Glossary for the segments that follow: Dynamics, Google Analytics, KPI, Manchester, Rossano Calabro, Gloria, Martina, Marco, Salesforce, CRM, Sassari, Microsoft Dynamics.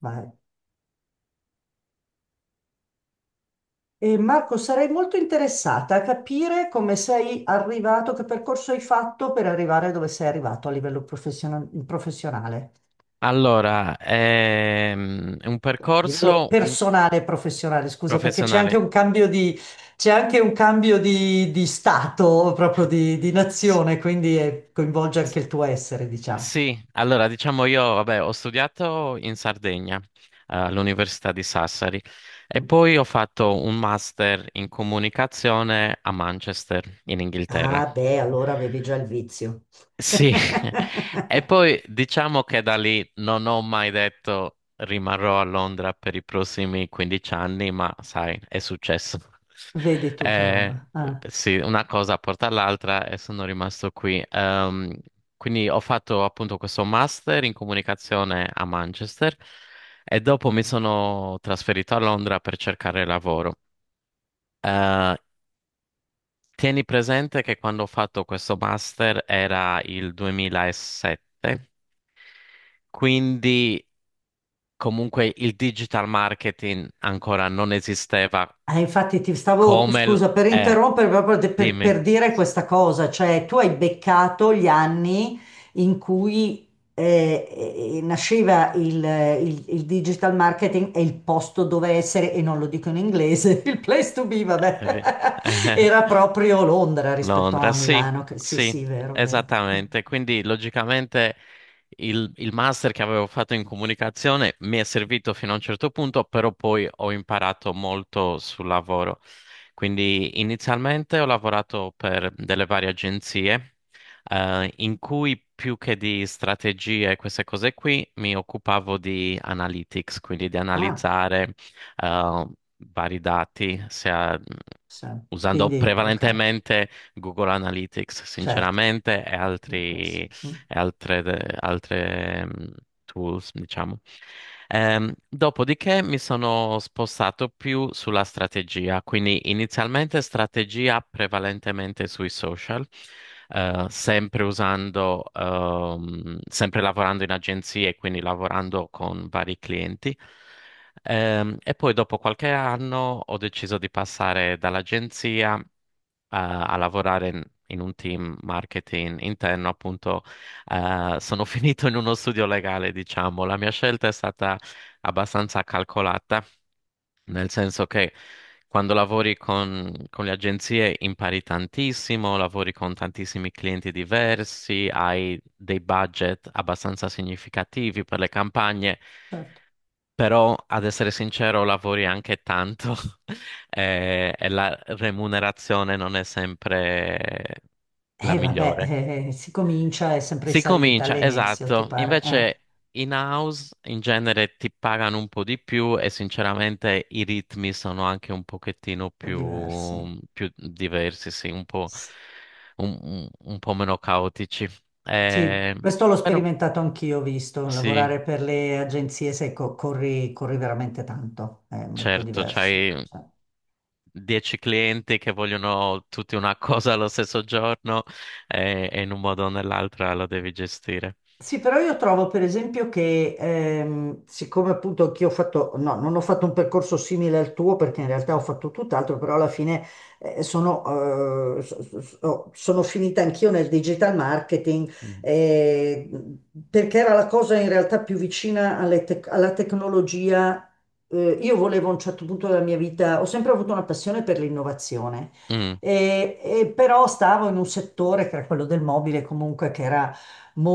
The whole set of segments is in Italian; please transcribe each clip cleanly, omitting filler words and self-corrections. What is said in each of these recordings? Ma- E Marco, sarei molto interessata a capire come sei arrivato, che percorso hai fatto per arrivare dove sei arrivato a livello professionale, È un a livello percorso personale e professionale, scusa, perché c'è anche professionale. un cambio c'è anche un cambio di stato, proprio di S- nazione, quindi coinvolge s- anche il tuo essere, diciamo. sì, allora diciamo io, vabbè, ho studiato in Sardegna, all'Università di Sassari e Mm. poi ho fatto un master in comunicazione a Manchester, in Inghilterra. Ah, beh, allora avevi già il vizio. Sì, e poi diciamo che da lì non ho mai detto rimarrò a Londra per i prossimi 15 anni, ma sai, è successo. Vedi tu che roba. Eh, Ah. sì, una cosa porta all'altra e sono rimasto qui. Quindi ho fatto appunto questo master in comunicazione a Manchester e dopo mi sono trasferito a Londra per cercare lavoro. Eh, Tieni presente che quando ho fatto questo master era il 2007. Quindi comunque il digital marketing ancora non esisteva Infatti ti stavo, come scusa per è. interrompere, proprio per Dimmi. dire questa cosa, cioè tu hai beccato gli anni in cui nasceva il digital marketing e il posto dove essere, e non lo dico in inglese, il place to be, Eh, vabbè, vi- era proprio Londra rispetto a Londra, sì, Milano, sì sì, sì, vero, vero. esattamente. Quindi logicamente il master che avevo fatto in comunicazione mi è servito fino a un certo punto, però poi ho imparato molto sul lavoro. Quindi inizialmente ho lavorato per delle varie agenzie, in cui più che di strategie e queste cose qui mi occupavo di analytics, quindi di Ah, analizzare, eh, vari dati, sia sì. usando Quindi, ok, prevalentemente Google Analytics, certo. sinceramente, e Sì. altri, e Mm. altre, altre, mm, tools, diciamo. Dopodiché mi sono spostato più sulla strategia, quindi inizialmente strategia prevalentemente sui social, sempre sempre lavorando in agenzie, quindi lavorando con vari clienti. E poi dopo qualche anno ho deciso di passare dall'agenzia a lavorare in un team marketing interno, appunto, sono finito in uno studio legale, diciamo. La mia scelta è stata abbastanza calcolata, nel senso che quando lavori con le agenzie impari tantissimo, lavori con tantissimi clienti diversi, hai dei budget abbastanza significativi per le campagne. Certo. Però, ad essere sincero, lavori anche tanto e la remunerazione non è sempre la Vabbè, migliore. Si comincia, è sempre in Si salita comincia, all'inizio, ti esatto. pare? Un Invece in house in genere ti pagano un po' di più e sinceramente i ritmi sono anche un pochettino po' diversi. Più diversi, sì, un po', S- un po' meno caotici. Sì, Eh, questo l'ho Però sperimentato anch'io, ho visto, sì, lavorare per le agenzie, sai, corri, corri veramente tanto, è molto certo, diverso, c'hai cioè. 10 clienti che vogliono tutti una cosa allo stesso giorno e in un modo o nell'altro lo devi gestire. Sì, però io trovo per esempio che, siccome appunto anch'io ho fatto, no, non ho fatto un percorso simile al tuo perché in realtà ho fatto tutt'altro, però alla fine sono, so- so- so- sono finita anch'io nel digital marketing, Mm, eh, perché era la cosa in realtà più vicina alle alla tecnologia. Io volevo a un certo punto della mia vita, ho sempre avuto una passione per l'innovazione. mm, E però stavo in un settore che era quello del mobile, comunque che era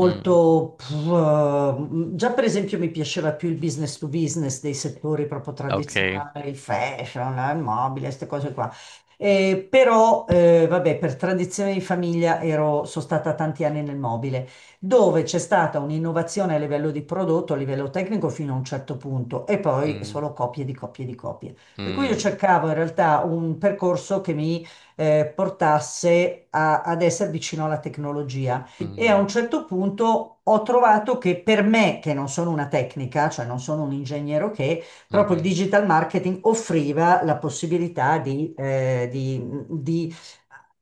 mm, pff, già per esempio mi piaceva più il business to business dei settori proprio ok. tradizionali, il fashion, il mobile, queste cose qua. Però, vabbè, per tradizione di famiglia ero, sono stata tanti anni nel mobile, dove c'è stata un'innovazione a livello di prodotto, a livello tecnico fino a un certo punto, e poi Mm, solo copie di copie di copie. Per cui io mm, cercavo in realtà un percorso che mi portasse ad essere vicino alla tecnologia. E a un mhm, certo punto ho trovato che per me, che non sono una tecnica, cioè non sono un ingegnere che, proprio il mhm. digital marketing offriva la possibilità di, di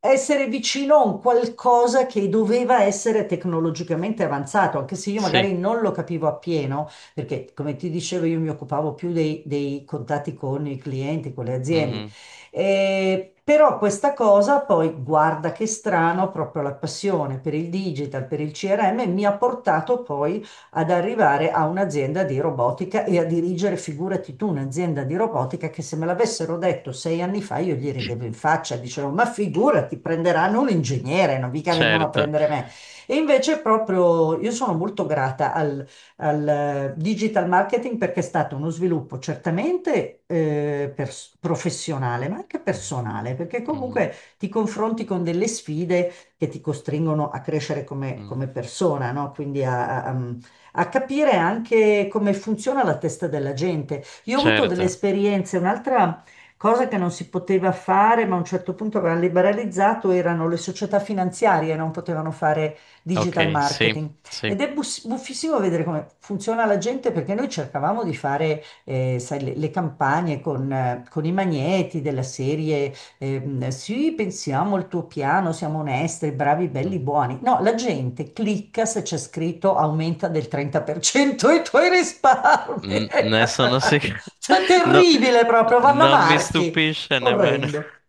essere vicino a un qualcosa che doveva essere tecnologicamente avanzato, anche se io Sì, magari non lo capivo appieno, perché come ti dicevo io mi occupavo più dei contatti con i clienti, con le aziende, mhm, però questa cosa poi, guarda che strano, proprio la passione per il digital, per il CRM, mi ha portato poi ad arrivare a un'azienda di robotica e a dirigere, figurati tu, un'azienda di robotica che se me l'avessero detto 6 anni fa io gli ridevo in faccia, dicevo, ma figurati, prenderanno un ingegnere, non mica vengono a certo. prendere me. E invece proprio io sono molto grata al digital marketing perché è stato uno sviluppo certamente professionale, ma anche Mm, personale, perché mhm, comunque ti confronti con delle sfide che ti costringono a crescere come, mm, come persona, no? Quindi a capire anche come funziona la testa della gente. Io ho avuto delle certo. esperienze, un'altra cosa che non si poteva fare, ma a un certo punto avevano liberalizzato, erano le società finanziarie, non potevano fare digital Ok, sì, marketing. sì. Ed è buffissimo vedere come funziona la gente perché noi cercavamo di fare, sai, le campagne con i magneti della serie, sì, pensiamo al tuo piano, siamo onesti, bravi, belli, Mhm. buoni. No, la gente clicca se c'è scritto aumenta del 30% i tuoi risparmi. Ne sono sicuro. Cioè, No, terribile proprio, vanno a non mi marchi. stupisce nemmeno. Orrendo.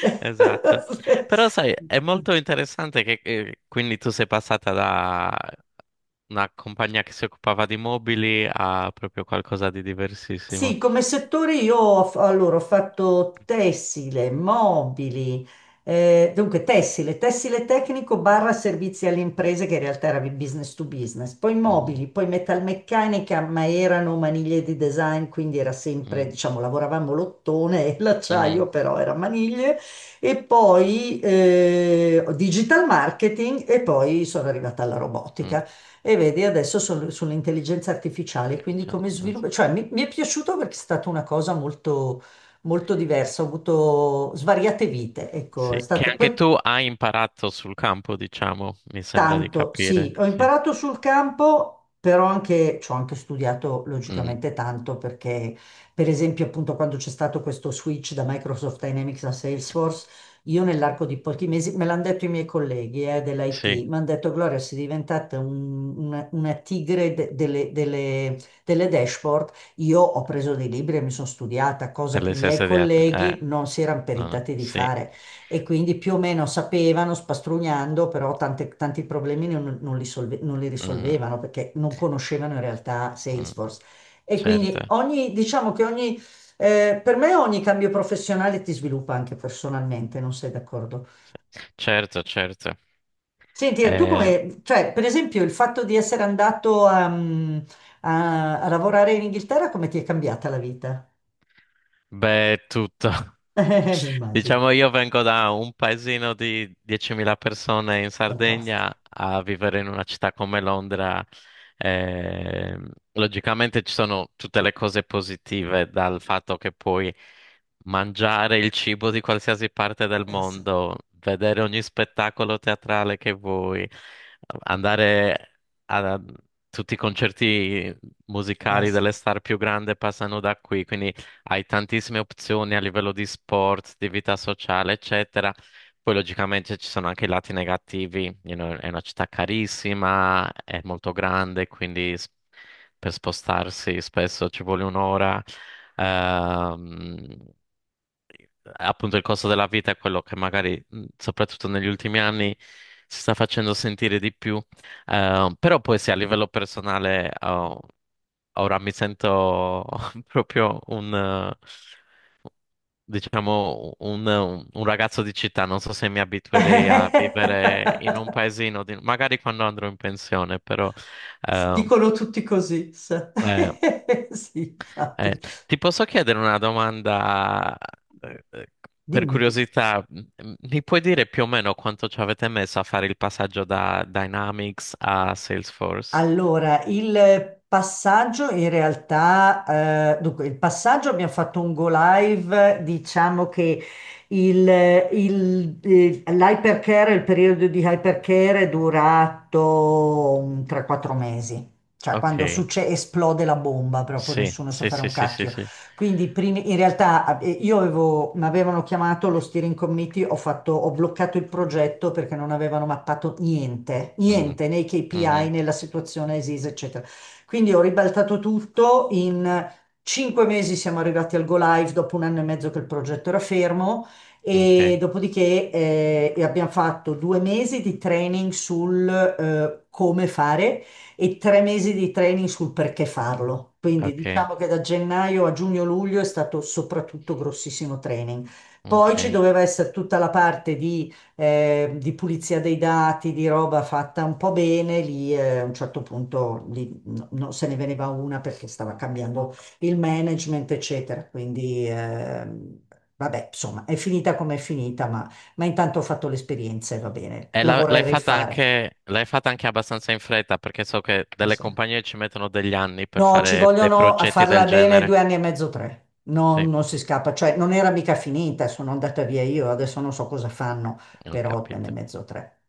Esatto. Però sai, è molto interessante che, quindi tu sei passata da una compagnia che si occupava di mobili a proprio qualcosa di Sì, diversissimo. come settore io ho, allora, ho fatto tessile, mobili, dunque tessile, tessile tecnico barra servizi alle imprese che in realtà era business to business, poi Mhm, mobili, poi metalmeccanica, ma erano maniglie di design, quindi era sempre, mm, diciamo, lavoravamo l'ottone e mm, l'acciaio però era maniglie, e poi digital marketing e poi sono arrivata alla mm. robotica. E vedi, adesso sono sull'intelligenza artificiale, quindi come Deficienza. sviluppo, cioè mi è piaciuto perché è stata una cosa molto, molto diversa, ho avuto svariate vite, ecco, è Sì, che stato, anche poi tu hai imparato sul campo, diciamo, mi sembra di tanto, sì, capire. ho Sì, imparato sul campo, però anche, ci ho anche studiato mm, logicamente tanto perché, per esempio, appunto quando c'è stato questo switch da Microsoft Dynamics a Salesforce, io nell'arco di pochi mesi, me l'hanno detto i miei colleghi sì, dell'IT, mi hanno detto Gloria, sei diventata una tigre delle delle dashboard. Io ho preso dei libri e mi sono studiata, cosa per che le i miei stesse diete. Colleghi non si erano No, no, peritati di sì. fare e quindi più o meno sapevano, spastrugnando, però tanti problemi non li non li Mhm. risolvevano perché non conoscevano in realtà Mm, Salesforce. E certo, quindi ogni, diciamo che ogni, per me ogni cambio professionale ti sviluppa anche personalmente, non sei d'accordo? certo, certo. Senti, tu Eh, come, cioè, per esempio, il fatto di essere andato a, mm, a lavorare in Inghilterra, come ti è cambiata la vita? Beh, è tutto. Mi immagino, Diciamo, io vengo da un paesino di 10.000 persone in fantastico. Sardegna a vivere in una città come Londra. Eh, logicamente ci sono tutte le cose positive dal fatto che puoi mangiare il cibo di qualsiasi parte del Sì, mondo, vedere ogni spettacolo teatrale che vuoi, andare a tutti i concerti musicali sì. delle star più grandi passano da qui, quindi hai tantissime opzioni a livello di sport, di vita sociale, eccetera. Poi logicamente ci sono anche i lati negativi, you know, è una città carissima, è molto grande, quindi per spostarsi spesso ci vuole un'ora. Ehm, Appunto il costo della vita è quello che magari, soprattutto negli ultimi anni, si sta facendo sentire di più. Però poi sì, a livello personale, oh, ora mi sento proprio un diciamo, un ragazzo di città, non so se mi abituerei a vivere in un paesino, di- magari quando andrò in pensione, però... eh, Dicono tutti così, sa. eh, Sì, eh, infatti. Ti posso chiedere una domanda, eh, eh, per Dimmi, dimmi. curiosità? Mi puoi dire più o meno quanto ci avete messo a fare il passaggio da Dynamics a Salesforce? Allora, il passaggio in realtà, dunque, il passaggio abbiamo fatto un go live, diciamo che il, l'hypercare, il periodo di hypercare è durato un 3-4 mesi, cioè Ok, quando esplode la bomba, proprio sì, nessuno sa sì, fare sì, un sì, sì, cacchio. sì. Quindi in realtà io avevo, mi avevano chiamato lo steering committee, ho fatto, ho bloccato il progetto perché non avevano mappato niente, Mm, niente nei KPI, mhm, nella situazione esisa, eccetera. Quindi ho ribaltato tutto, in 5 mesi siamo arrivati al go live dopo 1 anno e mezzo che il progetto era fermo e ok, dopodiché abbiamo fatto 2 mesi di training sul come fare e 3 mesi di training sul perché farlo. Quindi ok, diciamo che da gennaio a giugno-luglio è stato soprattutto grossissimo training. Poi ci ok. doveva essere tutta la parte di pulizia dei dati, di roba fatta un po' bene, lì a un certo punto lì, non se ne veniva una perché stava cambiando il management, eccetera. Quindi vabbè, insomma, è finita come è finita, ma intanto ho fatto l'esperienza e va bene, E la vorrei rifare. L'hai fatta anche abbastanza in fretta perché so che Sì, delle sì. compagnie ci mettono degli anni per No, ci fare dei vogliono a progetti del farla bene genere. 2 anni e mezzo, tre. No, Sì, non si scappa, cioè non era mica finita, sono andata via io, adesso non so cosa fanno, ho però due anni e capito. mezzo, tre.